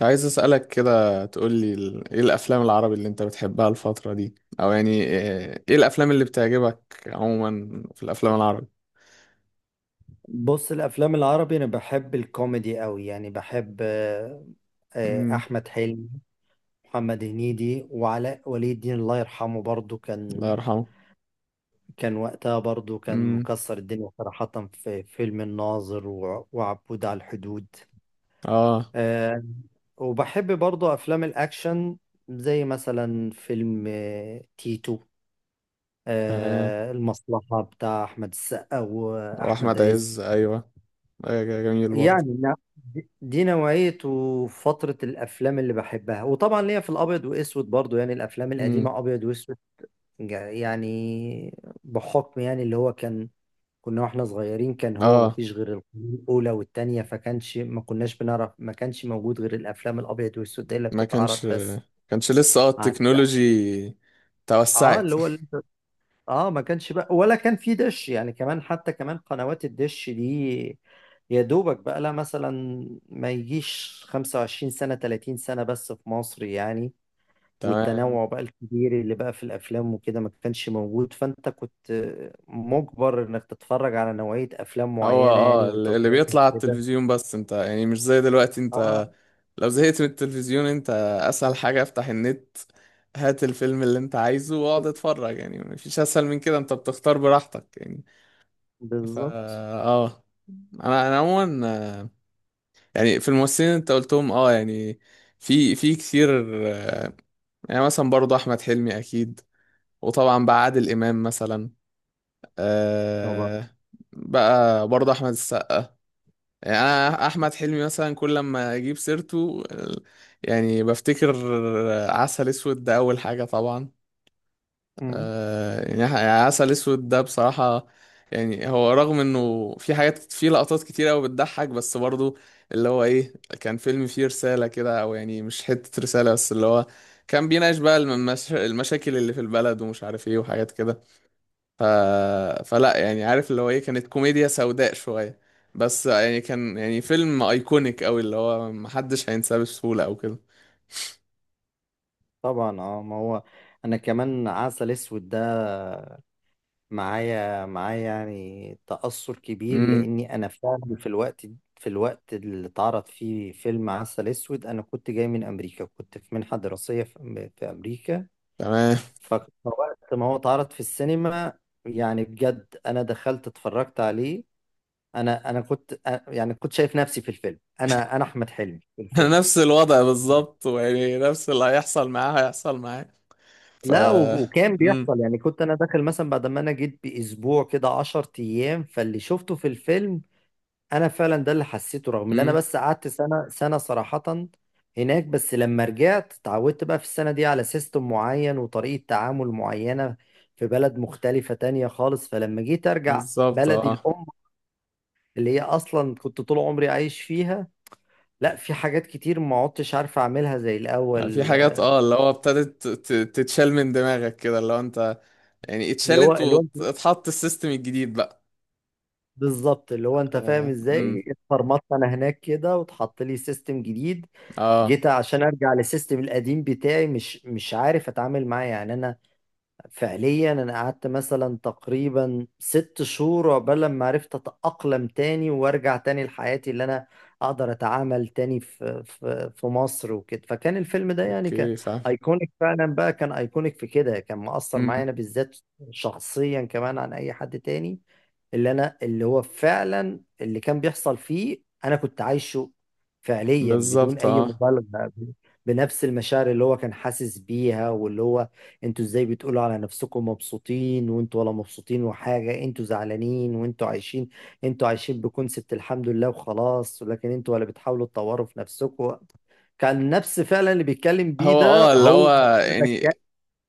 عايز أسألك كده تقولي ايه الأفلام العربي اللي انت بتحبها الفترة دي؟ أو يعني إيه الأفلام اللي بتعجبك عموما في الأفلام العربي؟ بص، الافلام العربي انا بحب الكوميدي قوي، يعني بحب امم احمد حلمي، محمد هنيدي، وعلاء ولي الدين الله يرحمه. برضو الله كان يرحمه. كان وقتها برضو كان امم مكسر الدنيا صراحة في فيلم الناظر وعبود على الحدود. اه آه، وبحب برضو افلام الاكشن زي مثلا فيلم تيتو، تمام. المصلحة بتاع احمد السقا واحمد وأحمد عز، عز. أيوه. أيوة، جميل برضه. يعني نعم. دي نوعية وفترة الأفلام اللي بحبها، وطبعا ليا في الأبيض وأسود برضو، يعني الأفلام امم القديمة أبيض وأسود. يعني بحكم يعني اللي هو كان، كنا واحنا صغيرين كان هو اه مفيش غير القناة الأولى والتانية، فكانش ما كناش بنعرف، ما كانش موجود غير الأفلام الأبيض وأسود دي اللي ما بتتعرض كانش، بس. كانش لسه على التكنولوجي اه توسعت. اللي هو اه ما كانش بقى ولا كان في دش، يعني كمان حتى كمان قنوات الدش دي يا دوبك بقى لها مثلا ما يجيش 25 سنة، 30 سنة بس في مصر يعني. تمام. والتنوع بقى الكبير اللي بقى في الأفلام وكده ما كانش موجود، فأنت كنت مجبر إنك تتفرج على نوعية أفلام هو معينة يعني وأنت اللي صغير. بيطلع على كده. التلفزيون بس، انت يعني مش زي دلوقتي. اه. انت لو زهقت من التلفزيون، انت اسهل حاجة افتح النت، هات الفيلم اللي انت عايزه واقعد اتفرج. يعني مفيش اسهل من كده، انت بتختار براحتك يعني. فا بالظبط. اه انا عموما، آه، يعني في الممثلين اللي انت قلتهم، يعني في كتير. آه، يعني مثلا برضه احمد حلمي اكيد، وطبعا بقى عادل امام مثلا. طبعا. آه. بقى برضه احمد السقا. يعني انا احمد حلمي مثلا كل لما اجيب سيرته، يعني بفتكر عسل اسود ده اول حاجه طبعا. مم. يعني عسل اسود ده بصراحه، يعني هو رغم انه في حاجات، في لقطات كتير قوي بتضحك، بس برضه اللي هو ايه، كان فيلم فيه رساله كده، او يعني مش حته رساله بس اللي هو كان بيناقش بقى المشاكل اللي في البلد ومش عارف ايه وحاجات كده. ف... فلا يعني عارف اللي هو ايه، كانت كوميديا سوداء شوية، بس يعني كان يعني فيلم ايكونيك قوي اللي هو محدش هينساه بسهولة او كده. طبعا اه ما هو، أنا كمان عسل أسود ده معايا يعني تأثر كبير، امم لأني أنا فعلا في الوقت اللي اتعرض فيه فيلم عسل أسود أنا كنت جاي من أمريكا، كنت في منحة دراسية في في أمريكا. تمام. فوقت ما هو اتعرض في السينما يعني بجد أنا دخلت اتفرجت عليه. أنا يعني كنت شايف نفسي في الفيلم، أنا أحمد حلمي في الفيلم. نفس الوضع بالظبط، ويعني نفس اللي هيحصل معاه هيحصل معاه. ف لا و- وكان امم بيحصل يعني، كنت أنا داخل مثلا بعد ما أنا جيت بأسبوع كده، 10 أيام، فاللي شفته في الفيلم انا فعلا ده اللي حسيته، رغم ان انا امم بس قعدت سنه سنه صراحه هناك. بس لما رجعت اتعودت بقى في السنه دي على سيستم معين وطريقه تعامل معينه في بلد مختلفه تانية خالص، فلما جيت ارجع بالظبط بلدي اه. الام اللي هي اصلا كنت طول عمري عايش فيها، لا في حاجات كتير ما عدتش عارف اعملها زي يعني في الاول. حاجات، اللي هو ابتدت تتشال من دماغك كده، اللي هو انت يعني اللي هو اتشالت اللي هو انت، واتحط السيستم الجديد بقى. بالظبط اللي هو انت امم فاهم اه مم. ازاي اتفرمطت انا هناك كده واتحط لي سيستم جديد. آه. جيت عشان ارجع للسيستم القديم بتاعي، مش عارف اتعامل معاه يعني. انا فعليا انا قعدت مثلا تقريبا ست شهور عقبال ما عرفت اتأقلم تاني وارجع تاني لحياتي، اللي انا اقدر اتعامل تاني في مصر وكده. فكان الفيلم ده يعني كان اوكي، فاهم. ايكونيك فعلا بقى، كان ايكونيك في كده، كان مؤثر معايا انا امم بالذات شخصيا كمان عن اي حد تاني. اللي انا، اللي هو فعلا اللي كان بيحصل فيه انا كنت عايشه فعليا بدون بالظبط اي اه. مبالغة، بنفس المشاعر اللي هو كان حاسس بيها. واللي هو انتوا ازاي بتقولوا على نفسكم مبسوطين وانتوا ولا مبسوطين، وحاجة انتوا زعلانين وانتوا عايشين، انتوا عايشين بكونسبت الحمد لله وخلاص، ولكن انتوا ولا بتحاولوا تطوروا في نفسكم. كان نفس فعلا اللي بيتكلم بيه هو اه ده اللي هو اللي هو انا يعني بتكلم.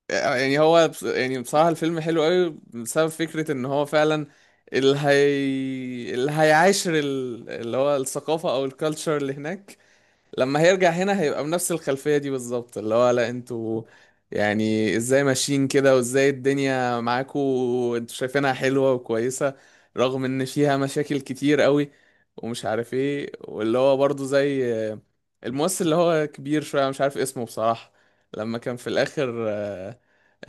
يعني هو بص- يعني بصراحة الفيلم حلو قوي بسبب فكرة ان هو فعلا اللي هي اللي هيعاشر اللي هو الثقافة او الكالتشر اللي هناك، لما هيرجع هنا هيبقى بنفس الخلفية دي بالظبط. اللي هو لا، انتوا يعني ازاي ماشيين كده، وازاي الدنيا معاكوا وانتوا شايفينها حلوة وكويسة رغم ان فيها مشاكل كتير قوي ومش عارف ايه. واللي هو برضو زي الممثل اللي هو كبير شوية مش عارف اسمه بصراحة، لما كان في الآخر،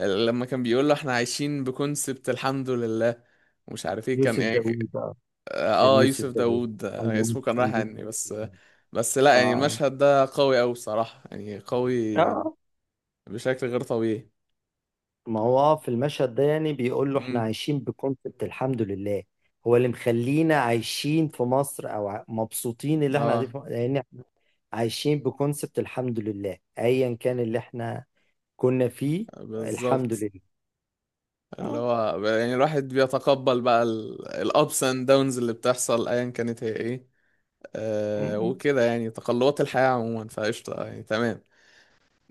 لما كان بيقول له احنا عايشين بكونسبت الحمد لله ومش عارف ايه. كان يوسف يعني داوود ك- آه. كان اه يوسف يوسف داوود، داوود، آه، الممثل اسمه كان رايح الممثل عني بس. يوسف داوود. بس لا، يعني اه. المشهد ده قوي أوي بصراحة، يعني قوي اه. بشكل غير طبيعي. ما هو في المشهد ده يعني بيقول له احنا امم عايشين بكونسبت الحمد لله، هو اللي مخلينا عايشين في مصر، او مبسوطين اللي احنا قاعدين اه، في مصر، لان احنا عايشين بكونسبت الحمد لله ايا كان اللي احنا كنا فيه، الحمد بالظبط. لله. اللي اه. هو يعني الواحد بيتقبل بقى الابس اند داونز اللي بتحصل ايا كانت هي ايه. آه م. م. وكده، يعني تقلبات الحياة عموما. فقشطة يعني، تمام.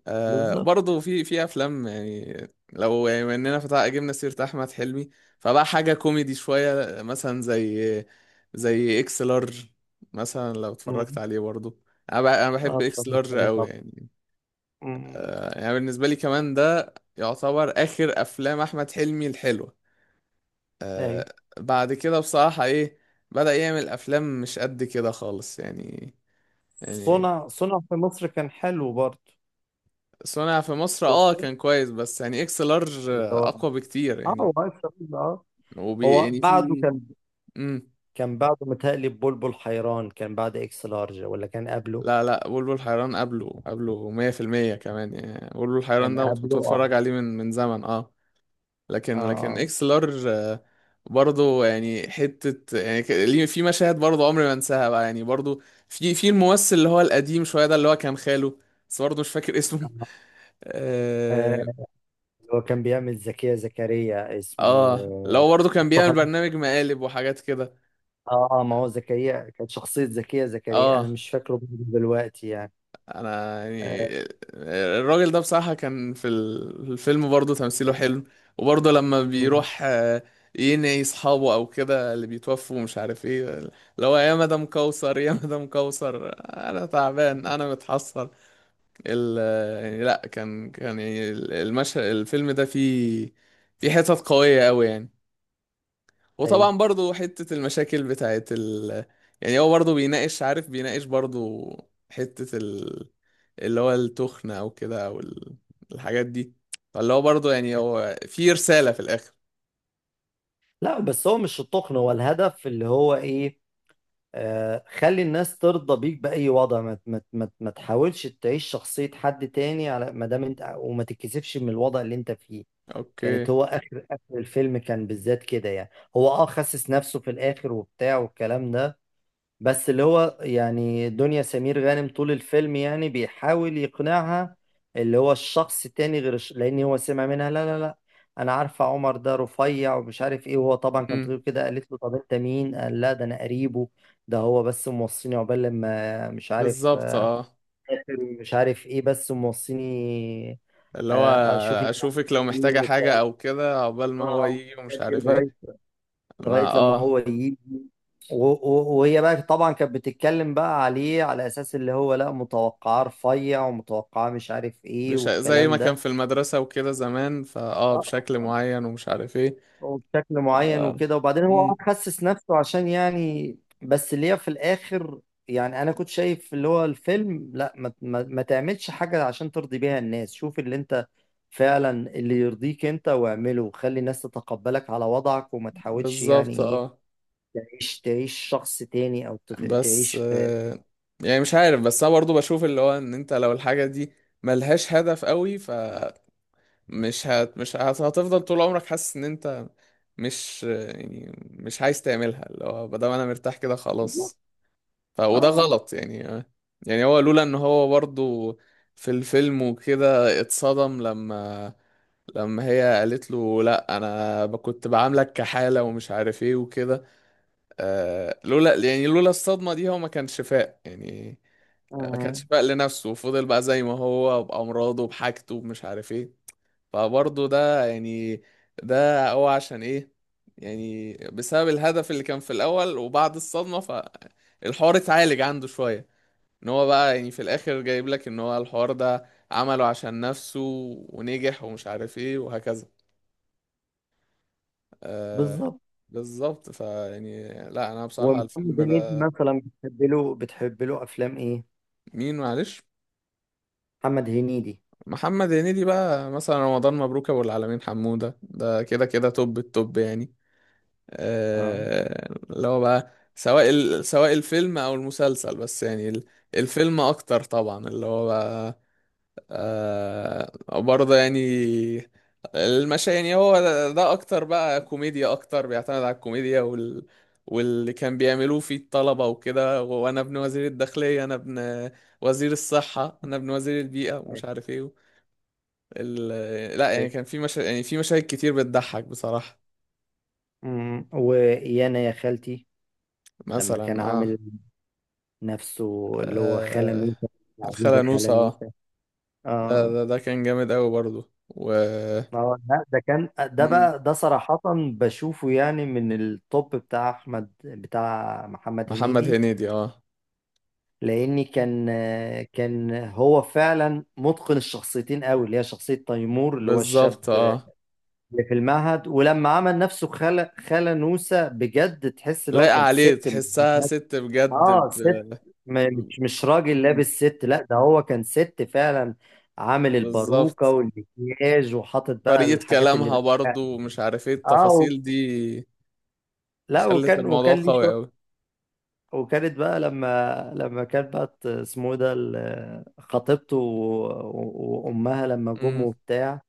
آه، بالظبط. برضه في أفلام يعني، لو يعني بما إننا فتح جبنا سيرة أحمد حلمي، فبقى حاجة كوميدي شوية مثلا زي إكس لارج مثلا، لو اتفرجت م. عليه برضه. أنا اه. بحب اتفضل إكس لارج اتفضل أوي طبعا. يعني. م- م. آه، يعني بالنسبة لي كمان ده يعتبر آخر أفلام أحمد حلمي الحلوة. آه، ايوه. بعد كده بصراحة إيه، بدأ يعمل أفلام مش قد كده خالص يعني. يعني صنع في مصر كان حلو برضه. صنع في مصر اه شفته. كان كويس، بس يعني اكس لارج اللي هو اقوى بكتير اه، يعني. هو عايش في مصر، اه. وبي هو يعني بعده في كان، امم كان بعده متهيألي بلبل حيران، كان بعد اكس لارج ولا كان قبله؟ لا لا، بلبل حيران قبله، قبله 100% كمان يعني. بلبل حيران كان ده قبله كنت اه. بتفرج عليه من زمن اه. لكن اه. اكس لارج، برضه يعني حتة، في مشاهد برضه عمري ما انساها بقى يعني. برضه في الممثل اللي هو القديم شوية ده، اللي هو كان خاله، بس برضه مش فاكر اسمه. آه. آه، اه. هو كان بيعمل زكية زكريا اللي اسمه هو برضه كان بيعمل مصطفى. برنامج مقالب وحاجات كده. اه اه ما هو زكريا كانت شخصية زكية زكريا انا اه مش فاكره برضه دلوقتي يعني. انا آه. يعني الراجل ده بصراحة كان في الفيلم برضه تمثيله حلو. وبرضه لما مم. بيروح، ينعي اصحابه او كده، اللي بيتوفوا ومش عارف ايه، اللي هو يا مدام كوثر، يا مدام كوثر، انا تعبان، انا متحسر. ال يعني لا كان، كان يعني المشهد، الفيلم ده فيه حتت قوية قوي يعني. ايوه. وطبعا برضو حتة المشاكل بتاعت ال، يعني هو برضو بيناقش، عارف، بيناقش برضو حتة اللي هو التخن أو كده، أو الحاجات دي. فاللي هو برضو يعني هو في رسالة في الآخر. لا بس هو مش التقن، هو الهدف اللي هو ايه. آه خلي الناس ترضى بيك بأي وضع، ما تحاولش تعيش شخصية حد تاني على ما دام انت، وما تتكسفش من الوضع اللي انت فيه. كانت أوكي. هو اخر اخر الفيلم كان بالذات كده يعني، هو اه خسس نفسه في الاخر وبتاع والكلام ده. بس اللي هو يعني دنيا سمير غانم طول الفيلم يعني بيحاول يقنعها اللي هو الشخص التاني غير الش... لان هو سمع منها لا لا لا انا عارفه عمر ده رفيع ومش عارف ايه، وهو طبعا كان امم طويل كده، قالت له طب انت مين، قال لا ده انا قريبه، ده هو بس موصيني عقبال لما مش عارف بالظبط اه. مش عارف ايه بس موصيني، اللي هو اشوف انت أشوفك لو عامله ايه محتاجة حاجة والكلام، أو كده عقبال ما هو يجي ومش الحاجات دي عارف لغاية ايه. ما لما هو اه يجي. وهي بقى طبعا كانت بتتكلم بقى عليه على أساس اللي هو لا، متوقعاه رفيع ومتوقعاه مش عارف إيه بش... زي ما والكلام كان ده، في المدرسة وكده زمان، فاه بشكل آه، معين ومش عارف ايه. وبشكل معين آه. وكده. وبعدين هو مم. قعد خسس نفسه عشان يعني، بس اللي هي في الآخر يعني أنا كنت شايف اللي هو الفيلم لا، ما, تعملش حاجة عشان ترضي بيها الناس، شوف اللي أنت فعلا اللي يرضيك أنت واعمله، وخلي الناس تتقبلك على وضعك، وما تحاولش يعني بالظبط إيه اه. تعيش شخص تاني، او تخ... بس تعيش في. يعني مش عارف، بس انا برضو بشوف اللي هو ان انت لو الحاجة دي ملهاش هدف قوي، فمش هت مش هت- هتفضل طول عمرك حاسس ان انت مش يعني مش عايز تعملها، اللي هو بدل ما انا مرتاح كده بالظبط. خلاص. وده اه. غلط يعني. يعني هو لولا ان هو برضو في الفيلم وكده اتصدم، لما هي قالت له لا انا كنت بعاملك كحالة ومش عارف ايه وكده. آه لولا يعني لولا الصدمة دي هو ما كانش فاق يعني، ما اه. كانش فاق لنفسه وفضل بقى زي ما هو بأمراضه بحاجته بمش عارف ايه. فبرضه ده يعني، ده هو عشان ايه؟ يعني بسبب الهدف اللي كان في الأول وبعد الصدمة، فالحوار اتعالج عنده شوية، ان هو بقى يعني في الآخر جايب لك ان هو الحوار ده عمله عشان نفسه، ونجح ومش عارف ايه وهكذا. آه، بالظبط. بالظبط. فيعني لا، انا بصراحة ومحمد الفيلم هنيدي ده. مثلا بتحب له افلام ايه؟ مين؟ معلش. محمد هنيدي محمد هنيدي بقى مثلا رمضان مبروك ابو العالمين حمودة ده كده كده توب التوب يعني. اه. اللي هو بقى، سواء سواء الفيلم او المسلسل، بس يعني الفيلم اكتر طبعا اللي هو بقى، آه، برضه يعني المشا يعني هو ده اكتر بقى كوميديا، اكتر بيعتمد على الكوميديا وال، واللي كان بيعملوه فيه الطلبة وكده، وانا ابن وزير الداخلية، انا ابن وزير الصحة، انا ابن وزير البيئة أيوة. ومش عارف ايه ال... لا يعني أيوة. كان في مشاهد كتير بتضحك بصراحة. أمم. ويانا يا خالتي، لما كان مثلا عامل نفسه اللي هو خالة آه... نوسة، عزيزة الخالة خالة نوسة اه. نوسة. اه. ده كان جامد قوي برضو، و اه. لا ده كان، ده مم. بقى ده صراحة بشوفه يعني من التوب بتاع احمد بتاع محمد محمد هنيدي. هنيدي اه. لاني كان، كان هو فعلا متقن الشخصيتين قوي، اللي هي شخصيه تيمور اللي هو الشاب بالظبط اه، اللي في المعهد، ولما عمل نفسه خالة نوسة بجد تحس اللي هو لايقة كانت عليه، ست مش-. تحسها ست بجد اه ست، ب... مش راجل مم. لابس ست، لا ده هو كان ست فعلا. عامل الباروكه بالظبط، والمكياج وحاطط بقى طريقة الحاجات اللي. كلامها برضو ومش عارف ايه، اه التفاصيل دي لا خلت وكان الموضوع ليه. قوي قوي. وكانت بقى لما كانت بقى اسمه إيه ده خطيبته وامها لما جم امم وبتاع.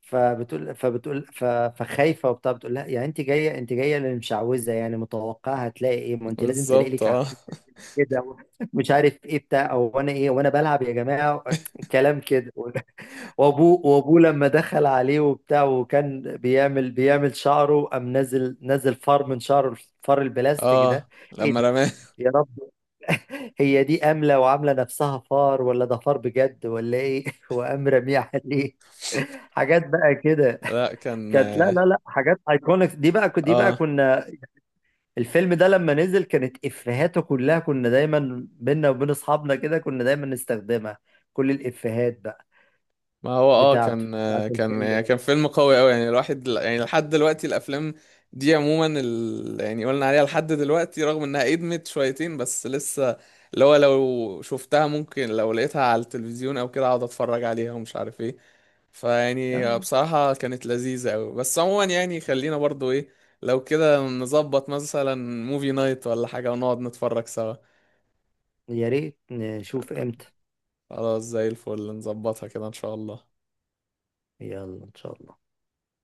فبتقول فخايفه وبتاع، بتقول لها يعني انت جايه انت جايه للمشعوذه يعني متوقعه هتلاقي ايه، ما انت لازم تلاقي بالظبط لك اه. عفريت كده مش عارف ايه بتاع، او انا ايه وانا بلعب يا جماعه كلام كده وابوه لما دخل عليه وبتاع وكان بيعمل شعره، قام نزل فار من شعره، الفار البلاستيك ده، اه، ايه لما ده، رماه. يا رب، هي دي أملة وعاملة نفسها فار، ولا ده فار بجد ولا إيه؟ وقام رميه عليه حاجات بقى كده لا كان كانت، لا لا اه. لا حاجات ايكونيك، دي بقى آه. كنا. الفيلم ده لما نزل كانت إفيهاته كلها كنا دايما بينا وبين أصحابنا كده، كنا دايما نستخدمها، كل الإفيهات بقى ما هو اه كان، بتاعت كان الفيلم يعني ده. كان فيلم قوي قوي يعني. الواحد يعني لحد دلوقتي، الافلام دي عموما يعني قلنا عليها لحد دلوقتي رغم انها ادمت شويتين، بس لسه اللي هو لو شفتها ممكن، لو لقيتها على التلفزيون او كده، اقعد اتفرج عليها ومش عارف ايه. فيعني آه، بصراحة كانت لذيذة قوي. بس عموما يعني، خلينا برضو ايه، لو كده نظبط مثلا موفي نايت ولا حاجة ونقعد نتفرج سوا. يا ريت نشوف إمتى. خلاص، زي الفل، نظبطها كده ان شاء الله. يلا إن شاء الله.